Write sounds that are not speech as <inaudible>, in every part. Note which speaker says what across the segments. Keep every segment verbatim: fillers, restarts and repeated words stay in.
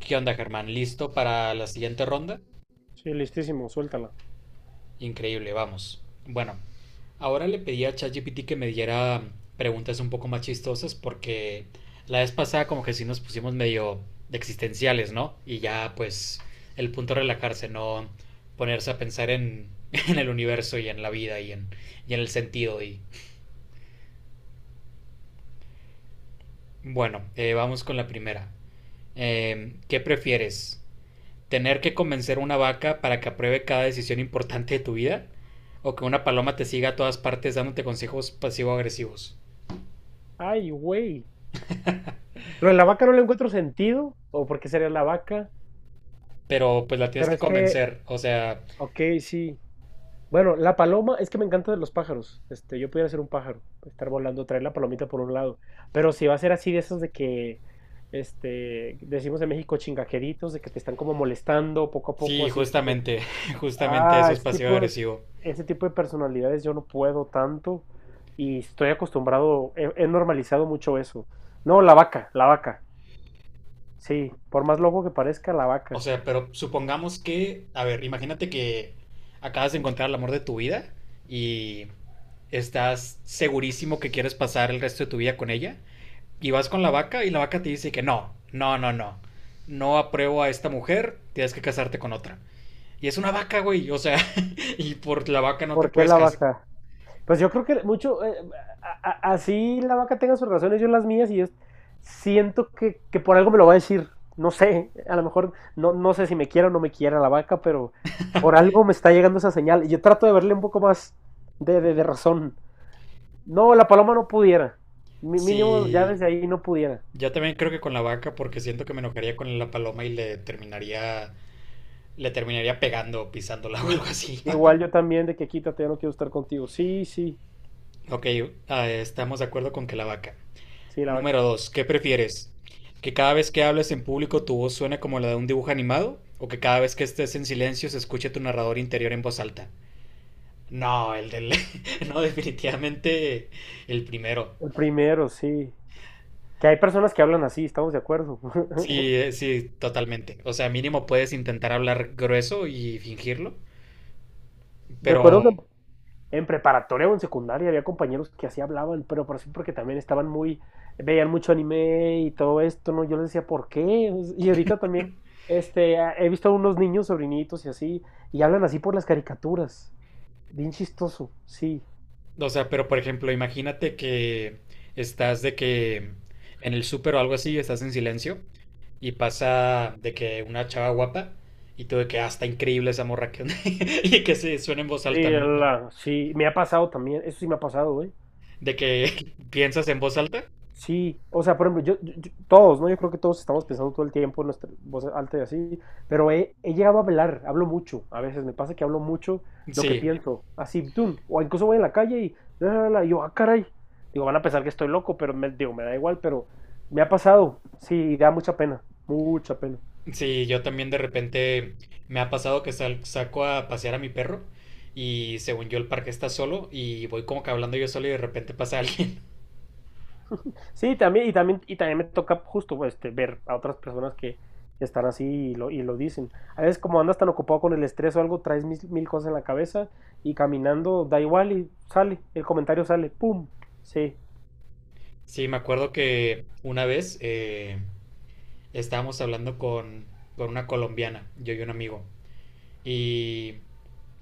Speaker 1: ¿Qué onda, Germán? ¿Listo para la siguiente ronda?
Speaker 2: Sí, listísimo, suéltala.
Speaker 1: Increíble, vamos. Bueno, ahora le pedí a ChatGPT que me diera preguntas un poco más chistosas porque la vez pasada como que sí nos pusimos medio de existenciales, ¿no? Y ya pues el punto es relajarse, no ponerse a pensar en, <laughs> en el universo y en la vida y en, y en el sentido. Y bueno, eh, vamos con la primera. Eh, ¿qué prefieres? ¿Tener que convencer a una vaca para que apruebe cada decisión importante de tu vida? ¿O que una paloma te siga a todas partes dándote consejos pasivo-agresivos?
Speaker 2: Ay, güey. Lo de la vaca no le encuentro sentido, o por qué sería la vaca,
Speaker 1: Pero pues la tienes
Speaker 2: pero
Speaker 1: que
Speaker 2: es que,
Speaker 1: convencer, o sea,
Speaker 2: ok, sí. Bueno, la paloma, es que me encanta de los pájaros. Este, yo pudiera ser un pájaro, estar volando, traer la palomita por un lado. Pero si va a ser así de esos de que, este, decimos en México chingajeritos, de que te están como molestando poco a poco,
Speaker 1: sí,
Speaker 2: así de que,
Speaker 1: justamente, <laughs> justamente
Speaker 2: ah,
Speaker 1: eso es
Speaker 2: ese tipo de,
Speaker 1: pasivo-agresivo.
Speaker 2: ese tipo de personalidades yo no puedo tanto y estoy acostumbrado, he he normalizado mucho eso. No, la vaca, la vaca. Sí, por más loco que parezca, la
Speaker 1: O
Speaker 2: vaca.
Speaker 1: sea, pero supongamos que, a ver, imagínate que acabas de encontrar el amor de tu vida y estás segurísimo que quieres pasar el resto de tu vida con ella. Y vas con la vaca y la vaca te dice que no, no, no, no. No apruebo a esta mujer, tienes que casarte con otra. Y es una vaca, güey, o sea, <laughs> y por la vaca no te
Speaker 2: ¿Por qué
Speaker 1: puedes
Speaker 2: la
Speaker 1: casar.
Speaker 2: vaca? Pues yo creo que mucho, eh, a- a- así la vaca tenga sus razones, yo las mías, y yo siento que, que por algo me lo va a decir. No sé, a lo mejor no, no sé si me quiera o no me quiera la vaca, pero por algo me está llegando esa señal. Y yo trato de verle un poco más de, de, de razón. No, la paloma no pudiera. Mi- Mínimo ya
Speaker 1: Sí,
Speaker 2: desde ahí no pudiera.
Speaker 1: yo también creo que con la vaca, porque siento que me enojaría con la paloma y le terminaría, le terminaría pegando, o pisándola <laughs> o algo
Speaker 2: Sí,
Speaker 1: así.
Speaker 2: igual yo también de que quítate, ya no quiero estar contigo. Sí, sí,
Speaker 1: <laughs> Ok, ah, estamos de acuerdo con que la vaca.
Speaker 2: sí, la vaca.
Speaker 1: Número dos, ¿qué prefieres? ¿Que cada vez que hables en público tu voz suene como la de un dibujo animado? ¿O que cada vez que estés en silencio se escuche tu narrador interior en voz alta? No, el del... <laughs> No, definitivamente el primero.
Speaker 2: El primero, sí. Que hay personas que hablan así, estamos de acuerdo.
Speaker 1: Sí,
Speaker 2: <laughs>
Speaker 1: eh, sí, totalmente. O sea, mínimo puedes intentar hablar grueso y fingirlo,
Speaker 2: Recuerdo que
Speaker 1: pero,
Speaker 2: en preparatoria o en secundaria había compañeros que así hablaban, pero por sí porque también estaban muy, veían mucho anime y todo esto, ¿no? Yo les decía, ¿por qué? Y ahorita también, este, a- he visto a unos niños, sobrinitos y así, y hablan así por las caricaturas. Bien chistoso, sí.
Speaker 1: o sea, pero por ejemplo, imagínate que estás de que en el súper o algo así, estás en silencio y pasa de que una chava guapa y tú de que, ah, está increíble esa morra que... <laughs> y que se suena en voz
Speaker 2: Sí,
Speaker 1: alta, ¿no?
Speaker 2: la- sí, me ha pasado también, eso sí me ha pasado, güey.
Speaker 1: De que <laughs> piensas en voz alta.
Speaker 2: Sí, o sea, por ejemplo, yo, yo- yo- todos, ¿no? Yo creo que todos estamos pensando todo el tiempo en nuestra voz alta y así, pero he, he llegado a hablar, hablo mucho, a veces me pasa que hablo mucho lo que
Speaker 1: Sí,
Speaker 2: pienso, así, tum, o incluso voy en la calle y, la, la, la, y yo, ah, caray, digo, van a pensar que estoy loco, pero me, digo, me da igual, pero me ha pasado, sí, y da mucha pena, mucha pena.
Speaker 1: sí, yo también de repente me ha pasado que sal- saco a pasear a mi perro y según yo el parque está solo y voy como que hablando yo solo y de repente pasa alguien. <laughs>
Speaker 2: Sí, también, y también, y también me toca justo pues, este, ver a otras personas que, que están así y lo, y lo dicen. A veces como andas tan ocupado con el estrés o algo, traes mil, mil cosas en la cabeza y caminando da igual y sale, el comentario sale, ¡pum! Sí,
Speaker 1: Sí, me acuerdo que una vez eh, estábamos hablando con, con una colombiana, yo y un amigo, y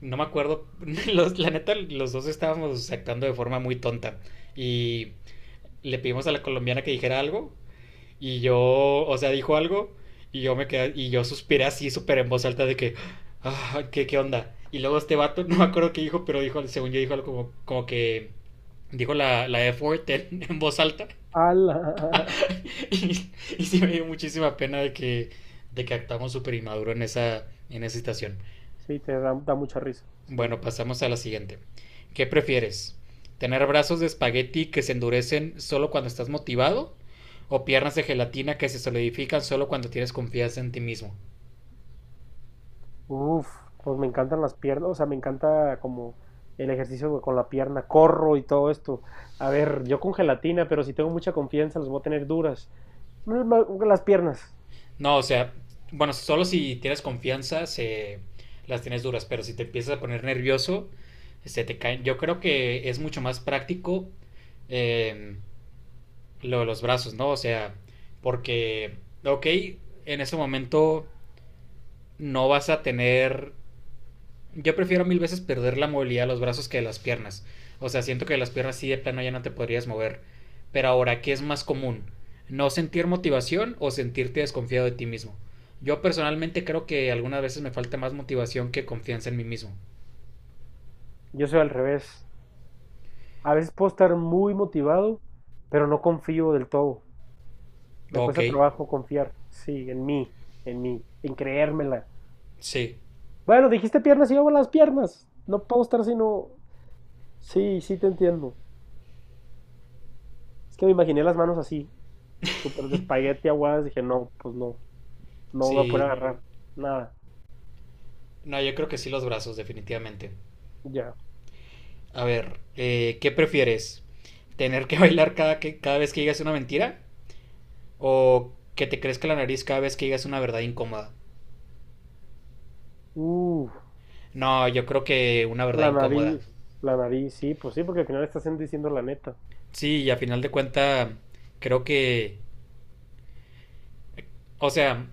Speaker 1: no me acuerdo, <laughs> los, la neta los dos estábamos actuando de forma muy tonta y le pedimos a la colombiana que dijera algo. Y yo, o sea, dijo algo y yo me quedé, y yo suspiré así súper en voz alta de que, "Ah, ¿qué, ¿qué onda?" Y luego este vato, <laughs> no me acuerdo qué dijo, pero dijo, según yo dijo algo como, como que dijo la, la F-word en, <laughs> en voz alta. <laughs>
Speaker 2: ala,
Speaker 1: Y, y sí me dio muchísima pena de que, de que actuamos súper inmaduro en esa, en esa situación.
Speaker 2: <laughs> sí, te da, da mucha risa, sí.
Speaker 1: Bueno, pasamos a la siguiente. ¿Qué prefieres? ¿Tener brazos de espagueti que se endurecen solo cuando estás motivado? ¿O piernas de gelatina que se solidifican solo cuando tienes confianza en ti mismo?
Speaker 2: Uf, pues me encantan las piernas, o sea, me encanta como el ejercicio con la pierna, corro y todo esto. A ver, yo con gelatina, pero si tengo mucha confianza las voy a tener duras. Mm, ma- Las piernas,
Speaker 1: No, o sea, bueno, solo si tienes confianza se las tienes duras, pero si te empiezas a poner nervioso, se te caen. Yo creo que es mucho más práctico eh, lo de los brazos, ¿no? O sea, porque, ok, en ese momento no vas a tener... Yo prefiero mil veces perder la movilidad de los brazos que de las piernas. O sea, siento que de las piernas sí de plano ya no te podrías mover. Pero ahora, ¿qué es más común? ¿No sentir motivación o sentirte desconfiado de ti mismo? Yo personalmente creo que algunas veces me falta más motivación que confianza en mí mismo.
Speaker 2: yo soy al revés. A veces puedo estar muy motivado, pero no confío del todo. Me
Speaker 1: Ok,
Speaker 2: cuesta trabajo confiar, sí, en mí, en mí, en creérmela.
Speaker 1: sí,
Speaker 2: Bueno, dijiste piernas y yo hago las piernas. No puedo estar sino... Sí, sí te entiendo. Es que me imaginé las manos así, súper de espagueti aguadas. Dije, no, pues no, no voy a poder
Speaker 1: sí.
Speaker 2: agarrar nada.
Speaker 1: No, yo creo que sí los brazos, definitivamente.
Speaker 2: Ya.
Speaker 1: A ver, eh, ¿qué prefieres? ¿Tener que <laughs> bailar cada, que, cada vez que digas una mentira? ¿O que te crezca la nariz cada vez que digas una verdad incómoda?
Speaker 2: Uf,
Speaker 1: No, yo creo que una verdad
Speaker 2: la
Speaker 1: incómoda.
Speaker 2: nariz, la nariz, sí, pues sí, porque al final estás diciendo la neta.
Speaker 1: Sí, y a final de cuenta, creo que, o sea,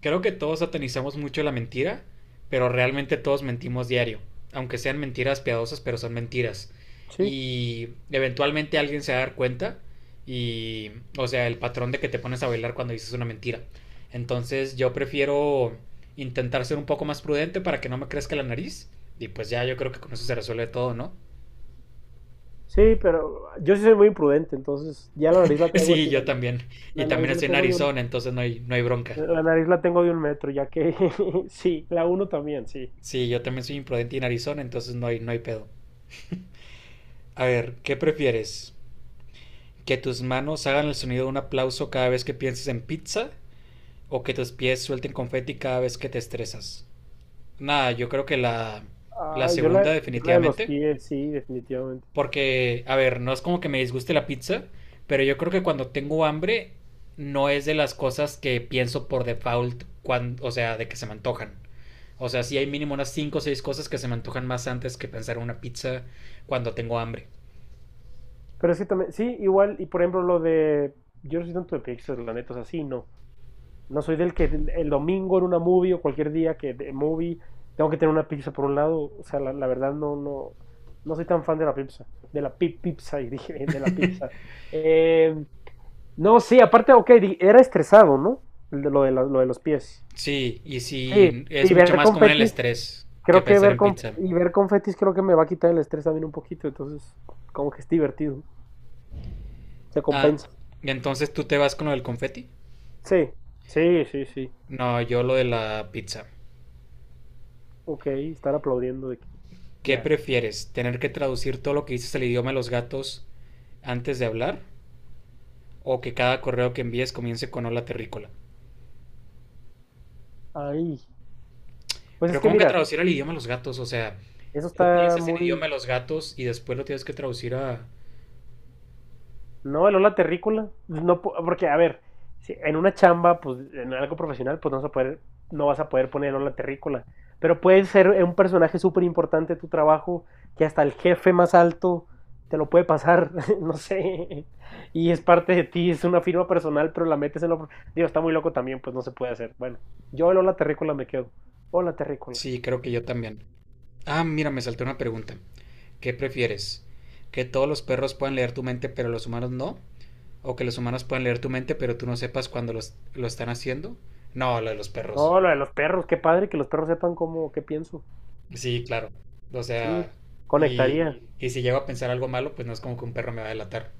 Speaker 1: creo que todos satanizamos mucho la mentira, pero realmente todos mentimos diario, aunque sean mentiras piadosas, pero son mentiras.
Speaker 2: Sí,
Speaker 1: Y eventualmente alguien se va a dar cuenta y, o sea, el patrón de que te pones a bailar cuando dices una mentira. Entonces yo prefiero intentar ser un poco más prudente para que no me crezca la nariz y pues ya yo creo que con eso se resuelve todo, ¿no?
Speaker 2: sí, pero yo sí soy muy imprudente, entonces ya la nariz la traigo
Speaker 1: Sí,
Speaker 2: así, la,
Speaker 1: yo
Speaker 2: de-
Speaker 1: también. Y
Speaker 2: la
Speaker 1: también
Speaker 2: nariz la
Speaker 1: estoy en
Speaker 2: tengo bien.
Speaker 1: Arizona, entonces no hay, no hay bronca.
Speaker 2: La nariz la tengo de un metro, ya que <laughs> sí, la uno también, sí.
Speaker 1: Sí, yo también soy imprudente y en Arizona, entonces no hay, no hay pedo. A ver, ¿qué prefieres? ¿Que tus manos hagan el sonido de un aplauso cada vez que pienses en pizza? ¿O que tus pies suelten confeti cada vez que te estresas? Nada, yo creo que la, la
Speaker 2: Ah, yo la,
Speaker 1: segunda
Speaker 2: yo la de los
Speaker 1: definitivamente.
Speaker 2: pies, sí, definitivamente.
Speaker 1: Porque, a ver, no es como que me disguste la pizza, pero yo creo que cuando tengo hambre no es de las cosas que pienso por default, cuando, o sea, de que se me antojan. O sea, sí hay mínimo unas cinco o seis cosas que se me antojan más antes que pensar en una pizza cuando tengo hambre.
Speaker 2: Pero es que también, sí, igual, y por ejemplo lo de, yo no soy tanto de Pixar, la neta, o sea, sí, no. No soy del que el, el domingo en una movie o cualquier día que de movie tengo que tener una pizza por un lado, o sea, la, la verdad no, no, no soy tan fan de la pizza, de la pi- pizza, <laughs> y dije, de la pizza. Eh, no, sí, aparte, ok, di- era estresado, ¿no? El de- Lo de, la- lo de los pies.
Speaker 1: Sí, y
Speaker 2: Sí,
Speaker 1: sí, es
Speaker 2: y
Speaker 1: mucho
Speaker 2: ver
Speaker 1: más como en el
Speaker 2: competir,
Speaker 1: estrés que
Speaker 2: creo que
Speaker 1: pensar
Speaker 2: ver
Speaker 1: en
Speaker 2: con,
Speaker 1: pizza.
Speaker 2: y ver confetis creo que me va a quitar el estrés también un poquito, entonces como que es divertido, se
Speaker 1: Ah,
Speaker 2: compensa.
Speaker 1: ¿y entonces tú te vas con lo del confeti?
Speaker 2: Sí, sí, sí, sí.
Speaker 1: No, yo lo de la pizza.
Speaker 2: Ok, estar aplaudiendo de que-
Speaker 1: ¿Qué
Speaker 2: ya.
Speaker 1: prefieres? ¿Tener que traducir todo lo que dices al idioma de los gatos antes de hablar? ¿O que cada correo que envíes comience con hola terrícola?
Speaker 2: Ahí pues es
Speaker 1: Pero
Speaker 2: que
Speaker 1: ¿cómo que
Speaker 2: mira,
Speaker 1: traducir al idioma de los gatos? O sea,
Speaker 2: eso
Speaker 1: tú
Speaker 2: está
Speaker 1: piensas en
Speaker 2: muy,
Speaker 1: idioma de los gatos y después lo tienes que traducir a...
Speaker 2: no, el la terrícola. No, porque, a ver, si en una chamba, pues en algo profesional, pues no vas a poder, no vas a poder poner el la terrícola. Pero puede ser un personaje súper importante de tu trabajo, que hasta el jefe más alto te lo puede pasar, <laughs> no sé. Y es parte de ti, es una firma personal, pero la metes en lo... pro- Digo, está muy loco también, pues no se puede hacer. Bueno, yo el la terrícola me quedo. Hola terrícola.
Speaker 1: Sí, creo que yo también. Ah, mira, me salté una pregunta. ¿Qué prefieres? ¿Que todos los perros puedan leer tu mente pero los humanos no? ¿O que los humanos puedan leer tu mente pero tú no sepas cuando los, lo están haciendo? No, lo de los perros.
Speaker 2: No, lo de los perros, qué padre que los perros sepan cómo, qué pienso.
Speaker 1: Sí, claro. O
Speaker 2: Sí,
Speaker 1: sea, y,
Speaker 2: conectaría.
Speaker 1: y si llego a pensar algo malo, pues no es como que un perro me va a delatar.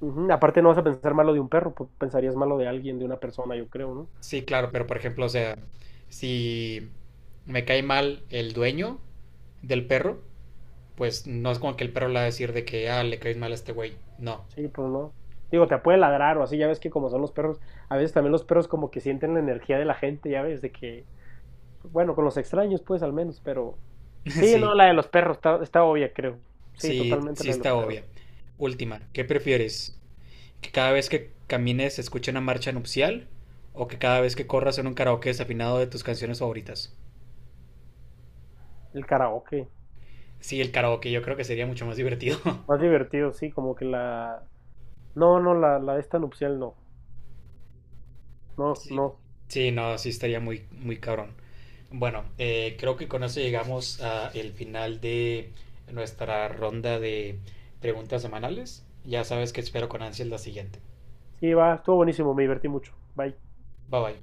Speaker 2: Ujú, aparte no vas a pensar malo de un perro, pues, pensarías malo de alguien, de una persona, yo creo, ¿no?
Speaker 1: Sí, claro, pero por ejemplo, o sea, si me cae mal el dueño del perro, pues no es como que el perro le va a decir de que, ah, le caes mal a este güey. No.
Speaker 2: Sí, pues no. Digo, te puede ladrar o así, ya ves que como son los perros, a veces también los perros como que sienten la energía de la gente, ya ves, de que, bueno, con los extraños pues al menos, pero...
Speaker 1: <laughs>
Speaker 2: Sí, no,
Speaker 1: Sí,
Speaker 2: la de los perros está, está obvia, creo. Sí,
Speaker 1: sí,
Speaker 2: totalmente
Speaker 1: sí
Speaker 2: la de los
Speaker 1: está obvia.
Speaker 2: perros.
Speaker 1: Última, ¿qué prefieres? ¿Que cada vez que camines se escuche una marcha nupcial o que cada vez que corras en un karaoke desafinado de tus canciones favoritas?
Speaker 2: El karaoke,
Speaker 1: Sí, el karaoke yo creo que sería mucho más divertido. <laughs>
Speaker 2: más divertido, sí, como que la... No, no, la, la de esta nupcial no, no,
Speaker 1: Sí,
Speaker 2: no.
Speaker 1: sí, no, sí estaría muy, muy cabrón. Bueno, eh, creo que con eso llegamos al final de nuestra ronda de preguntas semanales. Ya sabes que espero con ansias la siguiente.
Speaker 2: Sí, va, estuvo buenísimo, me divertí mucho. Bye.
Speaker 1: Bye bye.